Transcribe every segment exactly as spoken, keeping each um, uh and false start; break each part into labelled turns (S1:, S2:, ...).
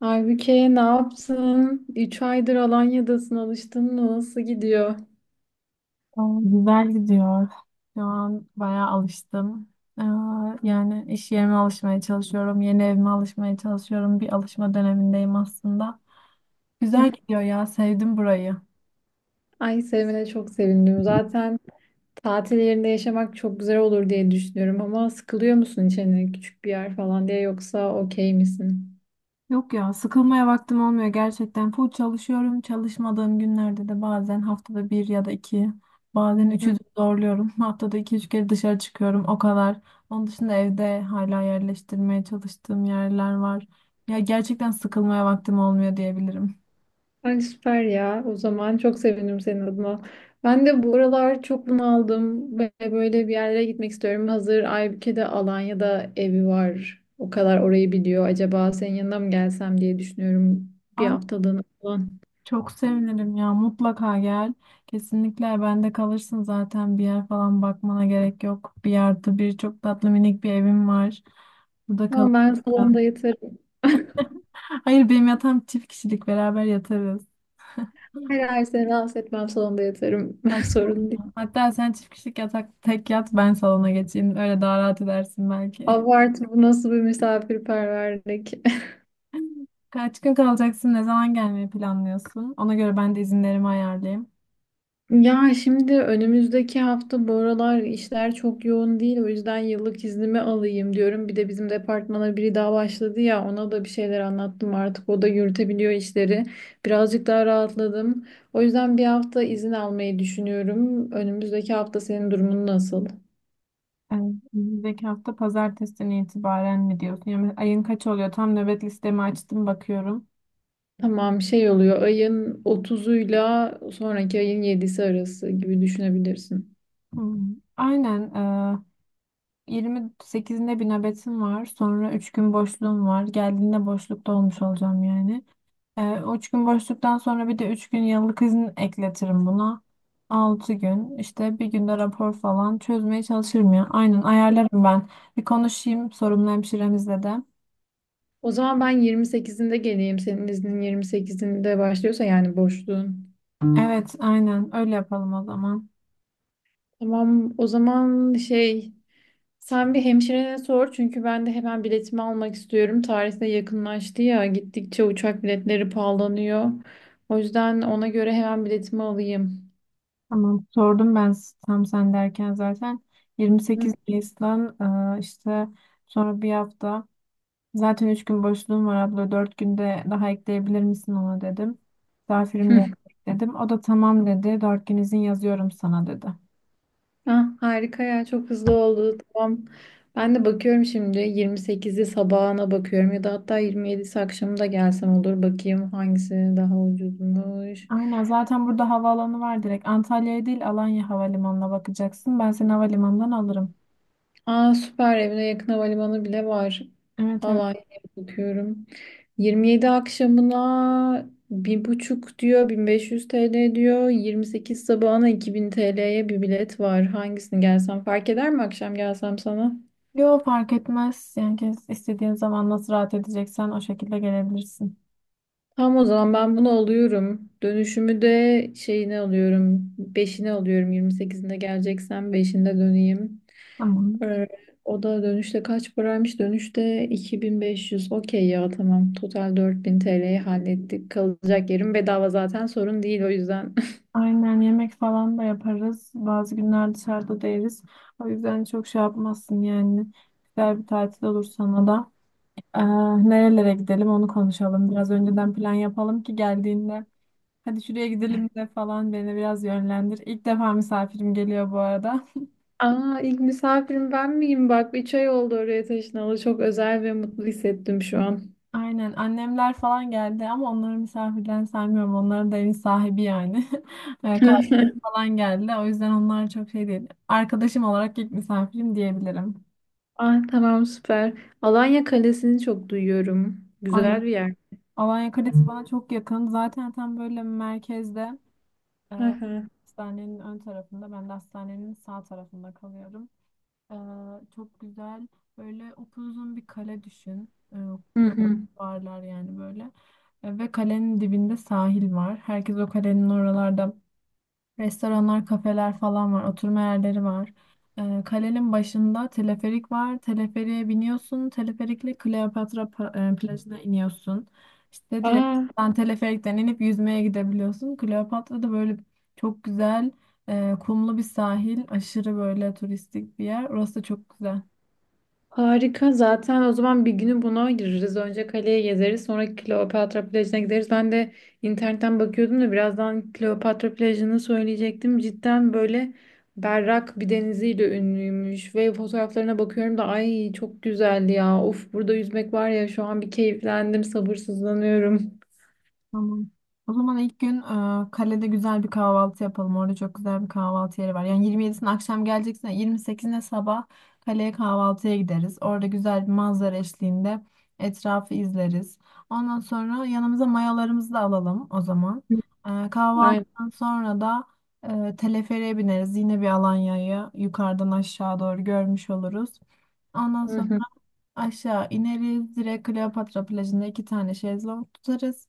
S1: Aybüke ne yaptın? Üç aydır Alanya'dasın alıştın mı? Nasıl gidiyor?
S2: Aa, güzel gidiyor. Şu an bayağı alıştım. Aa, yani iş yerime alışmaya çalışıyorum. Yeni evime alışmaya çalışıyorum. Bir alışma dönemindeyim aslında. Güzel
S1: Eh,
S2: gidiyor ya. Sevdim burayı.
S1: Ay sevmene çok sevindim. Zaten tatil yerinde yaşamak çok güzel olur diye düşünüyorum ama sıkılıyor musun içine küçük bir yer falan diye yoksa okey misin?
S2: Yok ya, sıkılmaya vaktim olmuyor gerçekten. Full çalışıyorum. Çalışmadığım günlerde de bazen haftada bir ya da iki, bazen üçü de zorluyorum. Haftada iki üç kere dışarı çıkıyorum. O kadar. Onun dışında evde hala yerleştirmeye çalıştığım yerler var. Ya gerçekten sıkılmaya vaktim olmuyor diyebilirim.
S1: Ay süper ya. O zaman çok sevinirim senin adına. Ben de bu aralar çok bunaldım ve böyle bir yerlere gitmek istiyorum. Hazır Aybüke'de Alanya'da evi var. O kadar orayı biliyor. Acaba senin yanına mı gelsem diye düşünüyorum. Bir
S2: Ay,
S1: haftalığına falan.
S2: çok sevinirim ya. Mutlaka gel. Kesinlikle bende kalırsın zaten. Bir yer falan bakmana gerek yok. Bir yerde bir çok tatlı minik bir evim var. Burada kal.
S1: Ama ben salonda yatarım.
S2: Hayır, benim yatağım çift kişilik, beraber yatarız.
S1: Her ay seni rahatsız etmem salonda yatarım. Sorun değil.
S2: Saçmalama. Hatta sen çift kişilik yatak tek yat, ben salona geçeyim. Öyle daha rahat edersin belki.
S1: Abartı bu nasıl bir misafirperverlik.
S2: Kaç gün kalacaksın? Ne zaman gelmeyi planlıyorsun? Ona göre ben de izinlerimi ayarlayayım.
S1: Ya şimdi önümüzdeki hafta bu aralar işler çok yoğun değil. O yüzden yıllık iznimi alayım diyorum. Bir de bizim departmana biri daha başladı ya ona da bir şeyler anlattım artık. O da yürütebiliyor işleri. Birazcık daha rahatladım. O yüzden bir hafta izin almayı düşünüyorum. Önümüzdeki hafta senin durumun nasıl?
S2: Evet, önümüzdeki hafta pazartesinden itibaren mi diyorsun? Yani ayın kaç oluyor? Tam nöbet listemi açtım bakıyorum.
S1: Tamam şey oluyor ayın otuzuyla sonraki ayın yedisi arası gibi düşünebilirsin.
S2: Hmm. Aynen. E, yirmi sekizinde bir nöbetim var. Sonra üç gün boşluğum var. Geldiğinde boşlukta olmuş olacağım yani. E, o üç gün boşluktan sonra bir de üç gün yıllık izin ekletirim buna. Altı gün. İşte bir günde rapor falan çözmeye çalışırım ya. Aynen, ayarlarım ben. Bir konuşayım sorumlu hemşiremizle de.
S1: O zaman ben yirmi sekizinde geleyim. Senin iznin yirmi sekizinde başlıyorsa yani boşluğun.
S2: Evet, aynen öyle yapalım o zaman.
S1: Tamam o zaman şey sen bir hemşirene sor çünkü ben de hemen biletimi almak istiyorum. Tarih de yakınlaştı ya gittikçe uçak biletleri pahalanıyor. O yüzden ona göre hemen biletimi alayım.
S2: Tamam, sordum ben s- tam sen derken zaten
S1: Hı.
S2: yirmi sekiz Nisan, e, işte sonra bir hafta, zaten üç gün boşluğum var abla, dört günde daha ekleyebilir misin ona dedim. Misafirim
S1: Hı.
S2: gelecek dedim. O da tamam dedi, dört gün izin yazıyorum sana dedi.
S1: Ah, harika ya çok hızlı oldu tamam. Ben de bakıyorum şimdi yirmi sekizi sabahına bakıyorum ya da hatta yirmi yedisi akşamı da gelsem olur bakayım hangisi daha ucuzmuş.
S2: Aynen, zaten burada havaalanı var, direkt Antalya'ya değil Alanya Havalimanı'na bakacaksın, ben seni havalimanından alırım.
S1: Aa süper evine yakın havalimanı bile var.
S2: Evet, evet.
S1: Alanya'ya bakıyorum. yirmi yedi akşamına bir buçuk diyor bin beş yüz T L diyor. yirmi sekiz sabahına iki bin T L'ye bir bilet var. Hangisini gelsem fark eder mi akşam gelsem sana?
S2: Yo, fark etmez yani, kes- istediğin zaman nasıl rahat edeceksen o şekilde gelebilirsin.
S1: Tamam o zaman ben bunu alıyorum. Dönüşümü de şeyini alıyorum. Beşini alıyorum. yirmi sekizinde geleceksem beşinde döneyim.
S2: Tamam.
S1: Ee, O da dönüşte kaç paraymış? Dönüşte iki bin beş yüz. Okey ya tamam. Total dört bin T L'yi hallettik. Kalacak yerim bedava zaten sorun değil o yüzden.
S2: Aynen, yemek falan da yaparız. Bazı günler dışarıda da yeriz. O yüzden çok şey yapmazsın yani. Güzel bir tatil olur sana da. Ee, nerelere gidelim onu konuşalım. Biraz önceden plan yapalım ki geldiğinde. Hadi şuraya gidelim de falan, beni biraz yönlendir. İlk defa misafirim geliyor bu arada.
S1: Aa ilk misafirim ben miyim? Bak üç ay oldu oraya taşınalı. Çok özel ve mutlu hissettim şu an.
S2: Aynen, annemler falan geldi ama onları misafirden saymıyorum. Onların da evin sahibi yani. Ee, Kardeşim falan geldi. O yüzden onlar çok şey değil. Arkadaşım olarak ilk misafirim diyebilirim.
S1: Ah tamam süper. Alanya Kalesi'ni çok duyuyorum.
S2: Ay.
S1: Güzel bir yer.
S2: Alanya Kalesi bana çok yakın. Zaten tam böyle merkezde, e,
S1: Hı hı.
S2: hastanenin ön tarafında. Ben de hastanenin sağ tarafında kalıyorum. E, çok güzel, böyle upuzun bir kale düşün. E,
S1: Hı hı.
S2: varlar yani böyle. E, ve kalenin dibinde sahil var. Herkes o kalenin oralarda, restoranlar, kafeler falan var. Oturma yerleri var. Ee, kalenin başında teleferik var. Teleferiğe biniyorsun. Teleferikle Kleopatra pa- e, plajına iniyorsun. İşte direkt
S1: Aa
S2: sen teleferikten inip yüzmeye gidebiliyorsun. Kleopatra'da böyle çok güzel, e, kumlu bir sahil. Aşırı böyle turistik bir yer. Orası da çok güzel.
S1: Harika. Zaten o zaman bir günü buna ayırırız. Önce kaleye gezeriz, sonra Kleopatra plajına gideriz. Ben de internetten bakıyordum da birazdan Kleopatra plajını söyleyecektim. Cidden böyle berrak bir deniziyle ünlüymüş ve fotoğraflarına bakıyorum da ay çok güzeldi ya. Of burada yüzmek var ya şu an bir keyiflendim, sabırsızlanıyorum.
S2: Tamam. O zaman ilk gün e, kalede güzel bir kahvaltı yapalım. Orada çok güzel bir kahvaltı yeri var. Yani yirmi yedisine akşam geleceksen yirmi sekizine sabah kaleye kahvaltıya gideriz. Orada güzel bir manzara eşliğinde etrafı izleriz. Ondan sonra yanımıza mayalarımızı da alalım o zaman. E,
S1: Aynen.
S2: kahvaltıdan sonra da e, teleferiğe bineriz. Yine bir Alanya'yı yukarıdan aşağı doğru görmüş oluruz. Ondan
S1: Hı
S2: sonra
S1: hı.
S2: aşağı ineriz. Direkt Kleopatra plajında iki tane şezlong tutarız.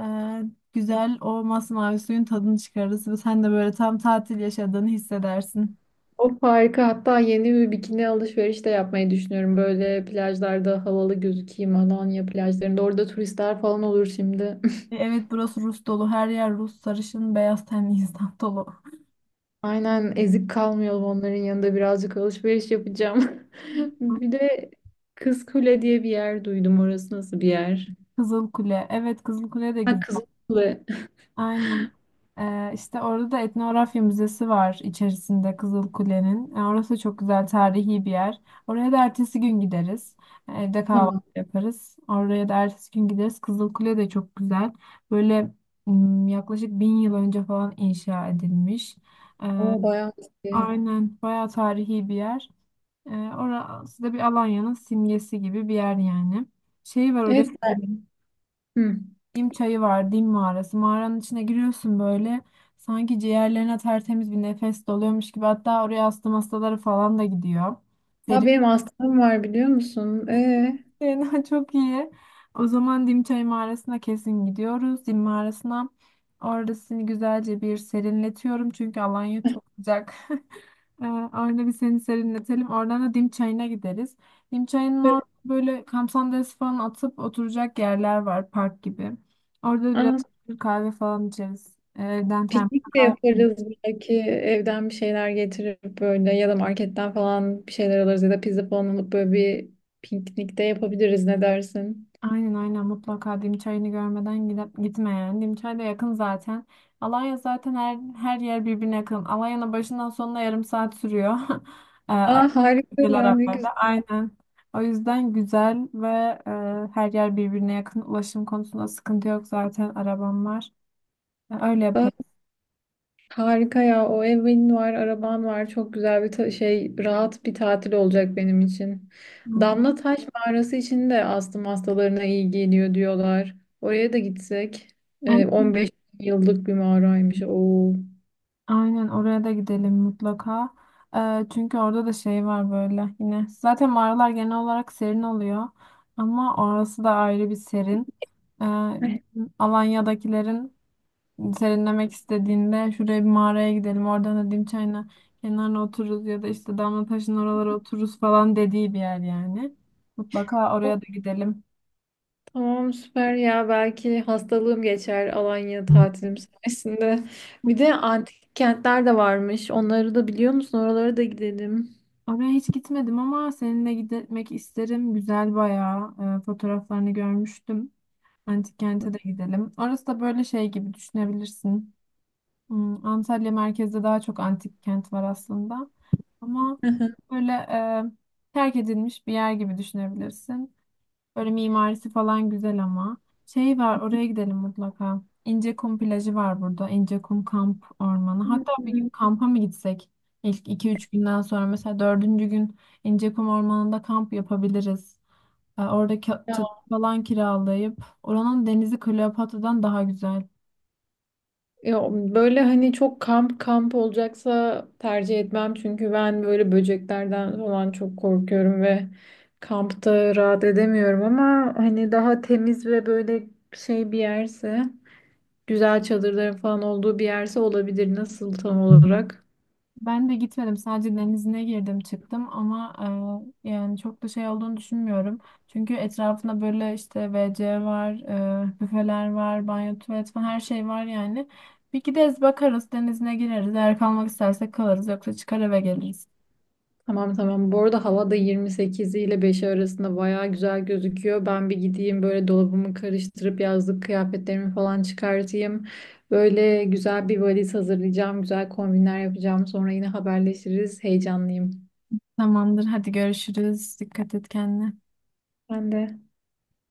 S2: Ee, güzel o masmavi suyun tadını çıkarırız ve sen de böyle tam tatil yaşadığını hissedersin.
S1: Of harika. Hatta yeni bir bikini alışveriş de yapmayı düşünüyorum. Böyle plajlarda havalı gözükeyim. Alanya plajlarında. Orada turistler falan olur şimdi.
S2: E, Evet, burası Rus dolu. Her yer Rus, sarışın, beyaz tenli insan dolu.
S1: Aynen ezik kalmayalım onların yanında birazcık alışveriş yapacağım. Bir de kızkule diye bir yer duydum. Orası nasıl bir yer?
S2: Kızıl Kule. Evet, Kızıl Kule de
S1: Ha
S2: güzel.
S1: Kız
S2: Aynen. Ee, işte orada da etnografya müzesi var içerisinde Kızılkule'nin. Ee, orası çok güzel, tarihi bir yer. Oraya da ertesi gün gideriz. Ee, Evde kahvaltı
S1: Tamam.
S2: yaparız. Oraya da ertesi gün gideriz. Kızılkule de çok güzel. Böyle m, yaklaşık bin yıl önce falan inşa edilmiş. Ee,
S1: O bayağı eski.
S2: aynen bayağı tarihi bir yer. Ee, orası da bir Alanya'nın simgesi gibi bir yer yani. Şey var oraya,
S1: Evet. Hı.
S2: Dim çayı var, Dim mağarası. Mağaranın içine giriyorsun böyle. Sanki ciğerlerine tertemiz bir nefes doluyormuş gibi. Hatta oraya astım hastaları falan da gidiyor.
S1: Ya benim hastam var biliyor musun? Ee,
S2: Fena çok iyi. O zaman Dimçay mağarasına kesin gidiyoruz. Dim mağarasına. Orada seni güzelce bir serinletiyorum. Çünkü Alanya çok sıcak. Ee, Orada bir seni serinletelim. Oradan da Dim çayına gideriz. Dim çayının
S1: böyle-
S2: orada böyle kamp sandalyesi falan atıp oturacak yerler var. Park gibi. Orada biraz
S1: Aa,
S2: kahve falan içeriz. Evden termos
S1: Piknik de
S2: kahve.
S1: yaparız belki evden bir şeyler getirip böyle ya da marketten falan bir şeyler alırız ya da pizza falan alıp böyle bir piknik de yapabiliriz ne dersin?
S2: Aynen, aynen, mutlaka Dimçay'ını görmeden gidip gitme yani. Dimçay da yakın zaten. Alanya zaten, her, her yer birbirine yakın. Alanya'nın başından sonuna yarım saat sürüyor. Ee,
S1: Aa harika
S2: Ülkeler
S1: ya ne
S2: arasında.
S1: güzel.
S2: Aynen. O yüzden güzel ve e, her yer birbirine yakın. Ulaşım konusunda sıkıntı yok zaten. Arabam var. Ee, Öyle yaparız.
S1: Harika ya. O evin var, araban var. Çok güzel bir ta- şey, rahat bir tatil olacak benim için.
S2: Hmm.
S1: Damla Taş Mağarası için de astım hastalarına iyi geliyor diyorlar. Oraya da gitsek. Ee, on beş yıllık bir mağaraymış. Oo.
S2: Aynen, oraya da gidelim mutlaka. Ee, çünkü orada da şey var böyle yine. Zaten mağaralar genel olarak serin oluyor. Ama orası da ayrı bir serin. Ee,
S1: Eh,
S2: bizim Alanya'dakilerin serinlemek istediğinde şuraya bir mağaraya gidelim. Oradan da Dim çayına kenarına otururuz ya da işte Damlataş'ın oralara otururuz falan dediği bir yer yani. Mutlaka
S1: oh,
S2: oraya da gidelim.
S1: Tamam süper ya. Belki hastalığım geçer Alanya tatilim sayesinde. Bir de antik kentler de varmış. Onları da biliyor musun? Oralara da gidelim.
S2: Oraya hiç gitmedim ama seninle gitmek isterim. Güzel bayağı. Ee, fotoğraflarını görmüştüm. Antik kente de gidelim. Orası da böyle şey gibi düşünebilirsin. Hmm, Antalya merkezde daha çok antik kent var aslında. Ama böyle e, terk edilmiş bir yer gibi düşünebilirsin. Böyle mimarisi falan güzel ama. Şey var, oraya gidelim mutlaka. İncekum plajı var burada. İncekum kamp ormanı. Hatta bir gün kampa mı gitsek? İlk iki üç günden sonra mesela dördüncü gün İncekum ormanında kamp yapabiliriz. Ee, Orada ka- çadır falan kiralayıp oranın denizi Kleopatra'dan daha güzel.
S1: Ya böyle hani çok kamp kamp olacaksa tercih etmem çünkü ben böyle böceklerden falan çok korkuyorum ve kampta rahat edemiyorum ama hani daha temiz ve böyle şey bir yerse güzel çadırların falan olduğu bir yerse olabilir. Nasıl tam olarak?
S2: Ben de gitmedim. Sadece denizine girdim çıktım ama e, yani çok da şey olduğunu düşünmüyorum. Çünkü etrafında böyle işte WC var, e, büfeler var, banyo, tuvalet falan her şey var yani. Bir gideriz bakarız denizine gireriz. Eğer kalmak istersek kalırız yoksa çıkar eve geliriz.
S1: Tamam tamam. Bu arada hava da yirmi sekiz ile beş arasında bayağı güzel gözüküyor. Ben bir gideyim böyle dolabımı karıştırıp yazlık kıyafetlerimi falan çıkartayım. Böyle güzel bir valiz hazırlayacağım. Güzel kombinler yapacağım. Sonra yine haberleşiriz. Heyecanlıyım.
S2: Tamamdır. Hadi görüşürüz. Dikkat et kendine.
S1: Ben de.